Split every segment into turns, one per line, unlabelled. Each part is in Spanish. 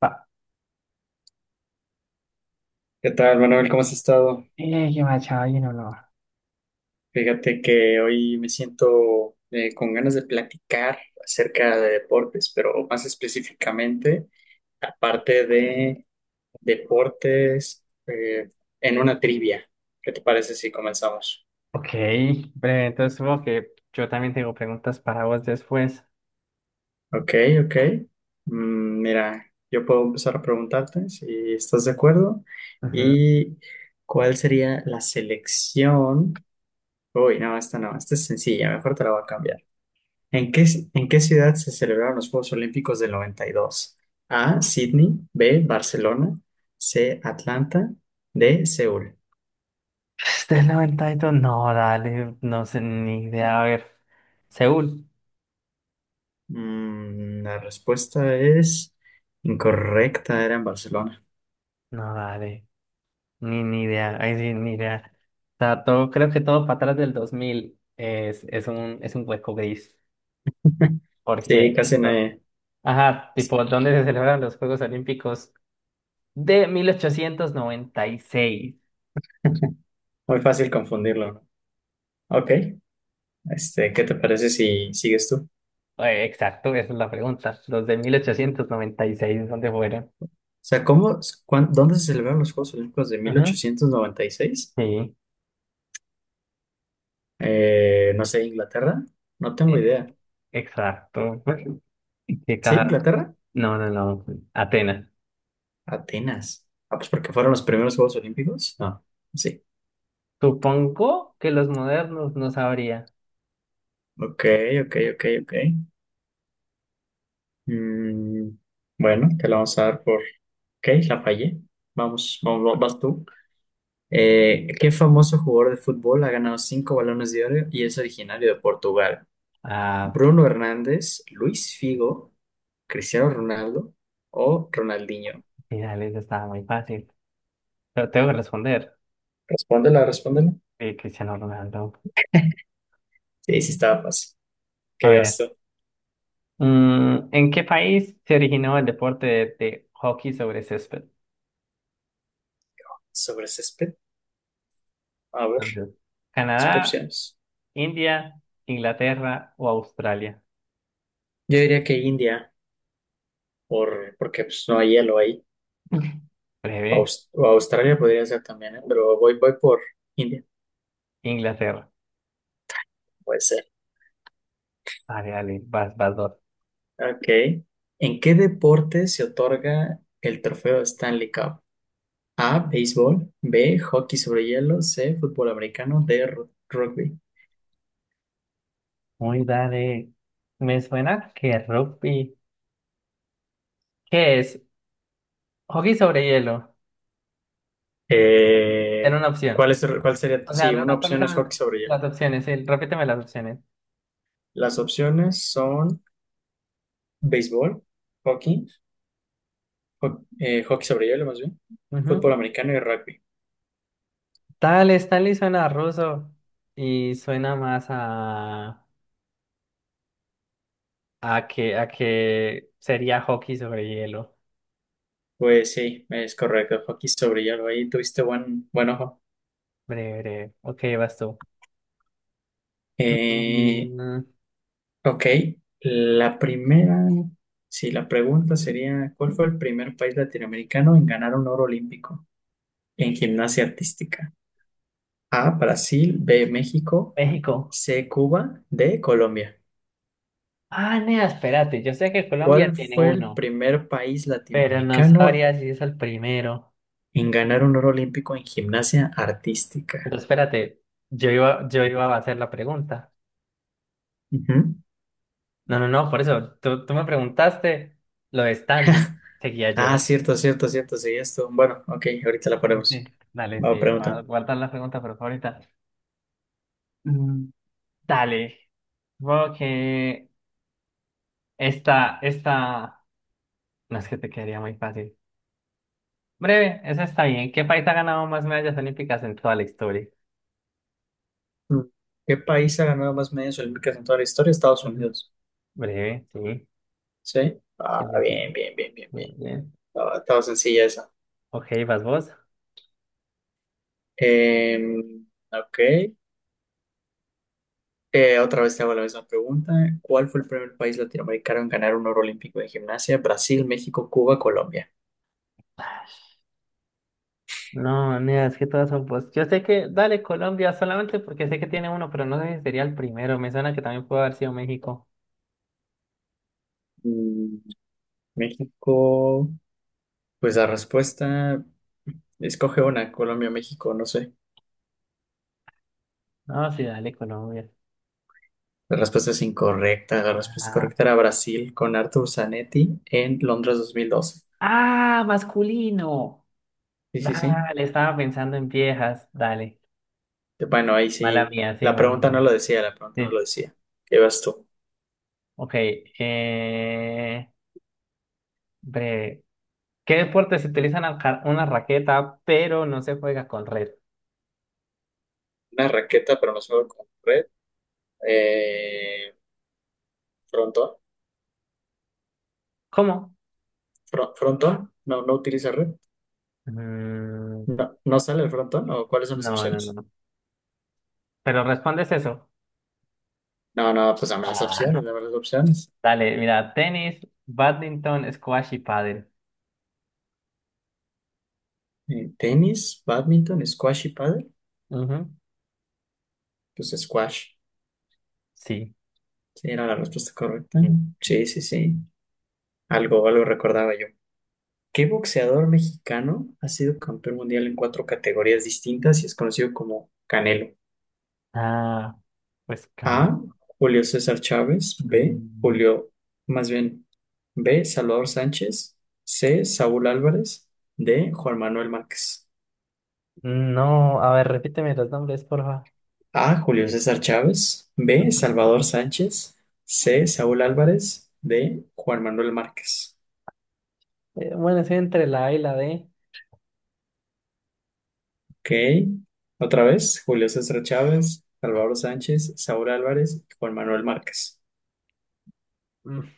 Va.
¿Qué tal, Manuel? ¿Cómo has estado?
Yo Machado, ¿y no lo?
Fíjate que hoy me siento con ganas de platicar acerca de deportes, pero más específicamente aparte de deportes en una trivia. ¿Qué te parece si comenzamos?
Ok, breve. Entonces, supongo que yo también tengo preguntas para vos después.
Ok, ok. Mira, yo puedo empezar a preguntarte si estás de acuerdo.
Ujú.
¿Y cuál sería la selección? Uy, no, esta no, esta es sencilla, mejor te la voy a cambiar. ¿En qué, ¿en qué ciudad se celebraron los Juegos Olímpicos del 92? A. Sydney. B. Barcelona. C. Atlanta. D. Seúl.
Del 92, no, dale, no sé ni idea. A ver, Seúl,
La respuesta es incorrecta, era en Barcelona.
no, dale, ni idea. Ahí sí, ni idea. O sea, todo, creo que todo para atrás del 2000 es un hueco gris.
Sí,
Porque,
casi
listo.
nadie.
Ajá, tipo, ¿dónde se celebran los Juegos Olímpicos de 1896?
Muy fácil confundirlo, ¿no? Ok, este, ¿qué te parece si sigues tú? O
Exacto, esa es la pregunta. Los de 1896, ¿dónde fueron?
sea, ¿dónde se celebraron los Juegos Olímpicos de
Ujú.
1896?
Sí,
No sé, Inglaterra. No tengo
eh,
idea.
exacto. ¿Qué
¿Sí,
caja?
Inglaterra?
No, no, no. Atenas.
Atenas. Ah, pues porque fueron los primeros Juegos Olímpicos. No, sí.
Supongo que los modernos no sabría.
Ok, ok, ok, ok. Mm, bueno, te la vamos a dar por... Ok, la fallé. Vamos, vamos, vas tú. ¿Qué famoso jugador de fútbol ha ganado cinco balones de oro y es originario de Portugal?
Ah,
¿Bruno Hernández, Luis Figo, Cristiano Ronaldo o Ronaldinho?
finales estaba muy fácil. Pero tengo que responder.
Respóndela, respóndela.
Sí, Cristiano Ronaldo.
Sí, sí estaba fácil.
A
¿Qué ibas
ver.
tú?
¿En qué país se originó el deporte de hockey sobre césped?
¿Sobre césped? A ver,
Entonces,
las
¿Canadá,
opciones.
India, Inglaterra o Australia?
Yo diría que India, porque pues, no hay hielo ahí.
Breve.
O Australia podría ser también, ¿eh? Pero voy por India,
Inglaterra.
puede ser.
Dale, dale, vas dos.
Ok. ¿En qué deporte se otorga el trofeo Stanley Cup? A, béisbol, B, hockey sobre hielo, C, fútbol americano, D, rugby.
Muy dale. Me suena que rugby. ¿Qué es? Hockey sobre hielo. Era
Eh,
una opción.
¿cuál sería?
O sea,
Sí,
no,
una
no, ¿cuáles
opción es hockey
eran
sobre hielo.
las opciones? Sí, repíteme las opciones.
Las opciones son béisbol, hockey, hockey sobre hielo más bien,
Ujú.
fútbol americano y rugby.
Dale, Stanley suena a ruso y suena más a que sería hockey sobre hielo.
Pues sí, es correcto. Fue aquí sobre hielo. Ahí tuviste buen ojo.
Breve, breve. Ok, vas tú.
Eh,
Mm,
ok, la primera, sí, la pregunta sería, ¿cuál fue el primer país latinoamericano en ganar un oro olímpico en gimnasia artística? A, Brasil, B, México,
México.
C, Cuba, D, Colombia.
Ah, nea, espérate. Yo sé que Colombia
¿Cuál
tiene
fue el
uno.
primer país
Pero no
latinoamericano
sabría si es el primero.
en ganar un oro olímpico en gimnasia
Pero
artística?
espérate, yo iba a hacer la pregunta.
Ujú.
No, no, no, por eso, tú me preguntaste lo de Stanley. Seguía
Ah,
yo.
cierto, cierto, cierto, sí, esto. Bueno, ok, ahorita la
Sí, sí, sí.
ponemos.
Dale,
Va,
sí, para
pregunta.
guardar la pregunta, pero ahorita. Mm, dale. Supongo que esta no es que te quedaría muy fácil. Breve, esa está bien. ¿Qué país ha ganado más medallas olímpicas en toda la historia?
Mm. ¿Qué país ha ganado más medallas olímpicas en toda la historia? Estados
Ujú.
Unidos.
Breve, sí.
¿Sí?
Sí,
Ah,
sí, sí.
bien, bien, bien, bien,
Muy
bien.
bien.
Estaba sencilla esa.
Ok, vas vos.
Em, ok. Otra vez te hago la misma pregunta. ¿Cuál fue el primer país latinoamericano en ganar un oro olímpico de gimnasia? Brasil, México, Cuba, Colombia.
No, mira, es que todas son post. Yo sé que, dale, Colombia, solamente porque sé que tiene uno, pero no sé si sería el primero. Me suena que también puede haber sido México.
Mm, México. Pues la respuesta, escoge una, Colombia, México, no sé.
No, sí, dale, Colombia.
La respuesta es incorrecta. La respuesta
Ah.
correcta era Brasil con Arthur Zanetti en Londres 2012.
¡Ah, masculino!
Sí, sí, sí.
Dale, estaba pensando en viejas. Dale.
Bueno, ahí
Mala
sí.
mía, sí,
La
mala
pregunta no
mía.
lo decía, la pregunta no lo
Sí.
decía. ¿Qué vas tú?
Ok. Eh... Bre... ¿Qué deportes se utilizan una raqueta, pero no se juega con red?
Una raqueta, pero no solo con red. Eh, frontón.
¿Cómo?
Frontón. No, no utiliza red.
Mm,
No, no sale el frontón. ¿O cuáles son las
no, no, no.
opciones?
No. Pero respondes eso.
No, no, pues dame las
Ah.
opciones, dame las opciones.
Dale, mira, tenis, badminton, squash y pádel.
Tenis, badminton, squash y pádel.
Ujú.
Pues squash.
Sí,
Sí, era la respuesta correcta.
bien.
Sí, sí, sí. Algo recordaba yo. ¿Qué boxeador mexicano ha sido campeón mundial en cuatro categorías distintas y es conocido como Canelo?
Ah, pues cane.
A. Julio César Chávez. B.
Mm,
Julio, más bien, B. Salvador Sánchez. C. Saúl Álvarez. D. Juan Manuel Márquez.
no, a ver, repíteme los nombres, porfa.
A. Julio César Chávez. B.
Ujú.
Salvador Sánchez. C. Saúl Álvarez. D. Juan Manuel Márquez.
Bueno, estoy entre la A y la D.
Ok. Otra vez, Julio César Chávez, Salvador Sánchez, Saúl Álvarez y Juan Manuel Márquez.
Mm,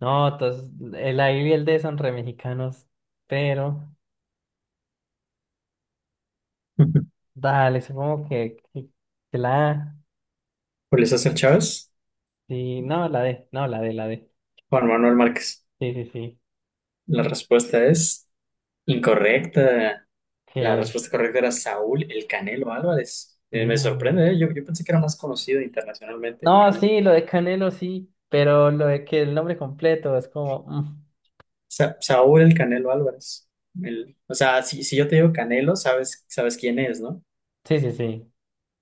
no, entonces, el A y el D son re mexicanos, pero dale, supongo que la A.
Julio César Chávez,
Sí, no, la D, no, la D.
Juan Manuel Márquez.
Sí, sí, sí.
La respuesta es incorrecta. La
Que
respuesta correcta era Saúl El Canelo Álvarez. Me
no.
sorprende, ¿eh? Yo pensé que era más conocido internacionalmente el
No,
Canelo.
sí, lo de Canelo sí, pero lo de que el nombre completo es como.
Saúl El Canelo Álvarez. O sea, si yo te digo Canelo, sabes quién es, ¿no?
Sí, sí, sí.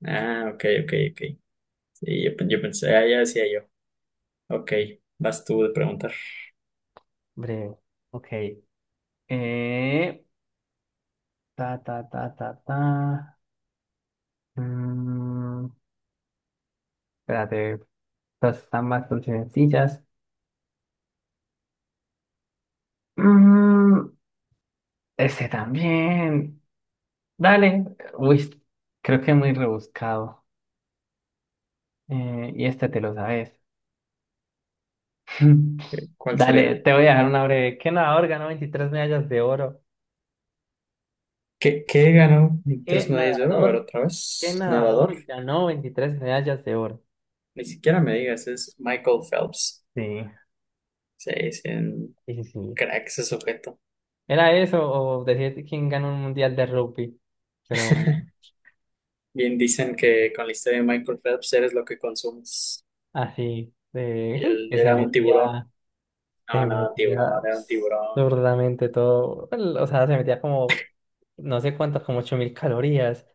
Ah, ok, ok, ok. Sí, yo pensé, ah, ya decía yo. Ok, vas tú de preguntar.
Breve. Ok. Eh, ta, ta, ta, ta, ta. Mm, espérate, estas están bastante sencillas. Mm, este también. Dale. Uy, creo que es muy rebuscado. Y este te lo sabes.
¿Cuál
Dale,
sería?
te voy a dejar una breve. ¿Qué nadador ganó 23 medallas de oro?
¿Qué ganó tres
¿Qué
medallas de oro? A ver,
nadador,
otra
qué
vez.
nadador
Nadador.
ganó 23 medallas de oro?
Ni siquiera me digas, es Michael Phelps.
Sí.
Sí, es un
Sí, sí, sí.
crack ese sujeto.
Era eso o decir quién ganó un mundial de rugby, pero
Bien dicen que con la historia de Michael Phelps eres lo que consumes.
así, de,
Y él
que se
era un tiburón.
metía,
No,
se
no,
metía
tiburón, era un
pues,
tiburón.
absurdamente todo, o sea, se metía como, no sé cuántas, como 8.000 calorías.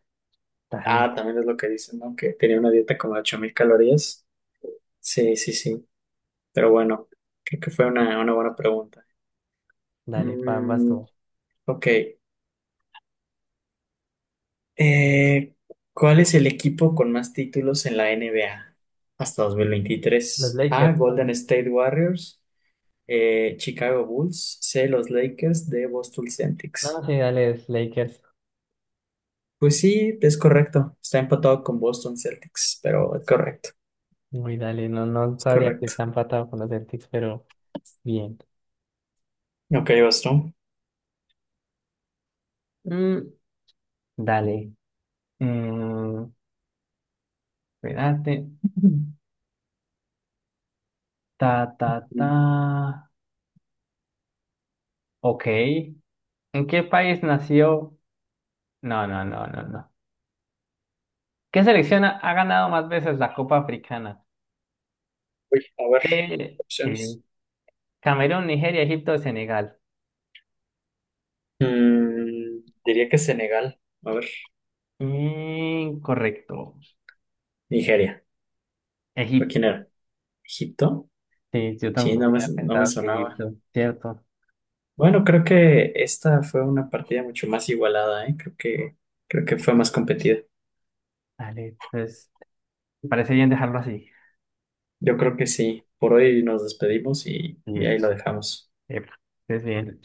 Dale,
Ah, también es lo que dicen, ¿no? Que tenía una dieta como de 8.000 calorías. Sí, sí, sí. Pero bueno, creo que fue una buena pregunta.
dale, pambas
Mm,
tú.
ok. Eh, ¿Cuál es el equipo con más títulos en la NBA hasta dos mil
Los
veintitrés A.
Lakers,
Golden
no.
State Warriors, Chicago Bulls, C, los Lakers, D, Boston
No,
Celtics.
sí, dale, los Lakers.
Pues sí, es correcto. Está empatado con Boston Celtics, pero es correcto.
Muy dale, no, no
Es
sabría que
correcto.
están empatado con los Celtics, pero bien.
Ok, vas tú.
Dale. Mm, espérate. Ta, ta,
Mm.
ta. Ok. ¿En qué país nació? No, no, no, no, no. ¿Qué selección ha ganado más veces la Copa Africana?
Uy, a ver,
De
opciones.
sí. Camerún, Nigeria, Egipto, Senegal.
Diría que Senegal. A ver,
Incorrecto.
Nigeria. ¿O quién
Egipto.
era? ¿Egipto?
Sí, yo
Sí,
también hubiera
no me
pensado que
sonaba.
Egipto, ¿cierto?
Bueno, creo que esta fue una partida mucho más igualada, ¿eh? Creo que fue más competida.
Dale, pues, me parece bien dejarlo así.
Yo creo que sí. Por hoy nos despedimos y ahí
Sí.
lo dejamos.
Epa, estés bien.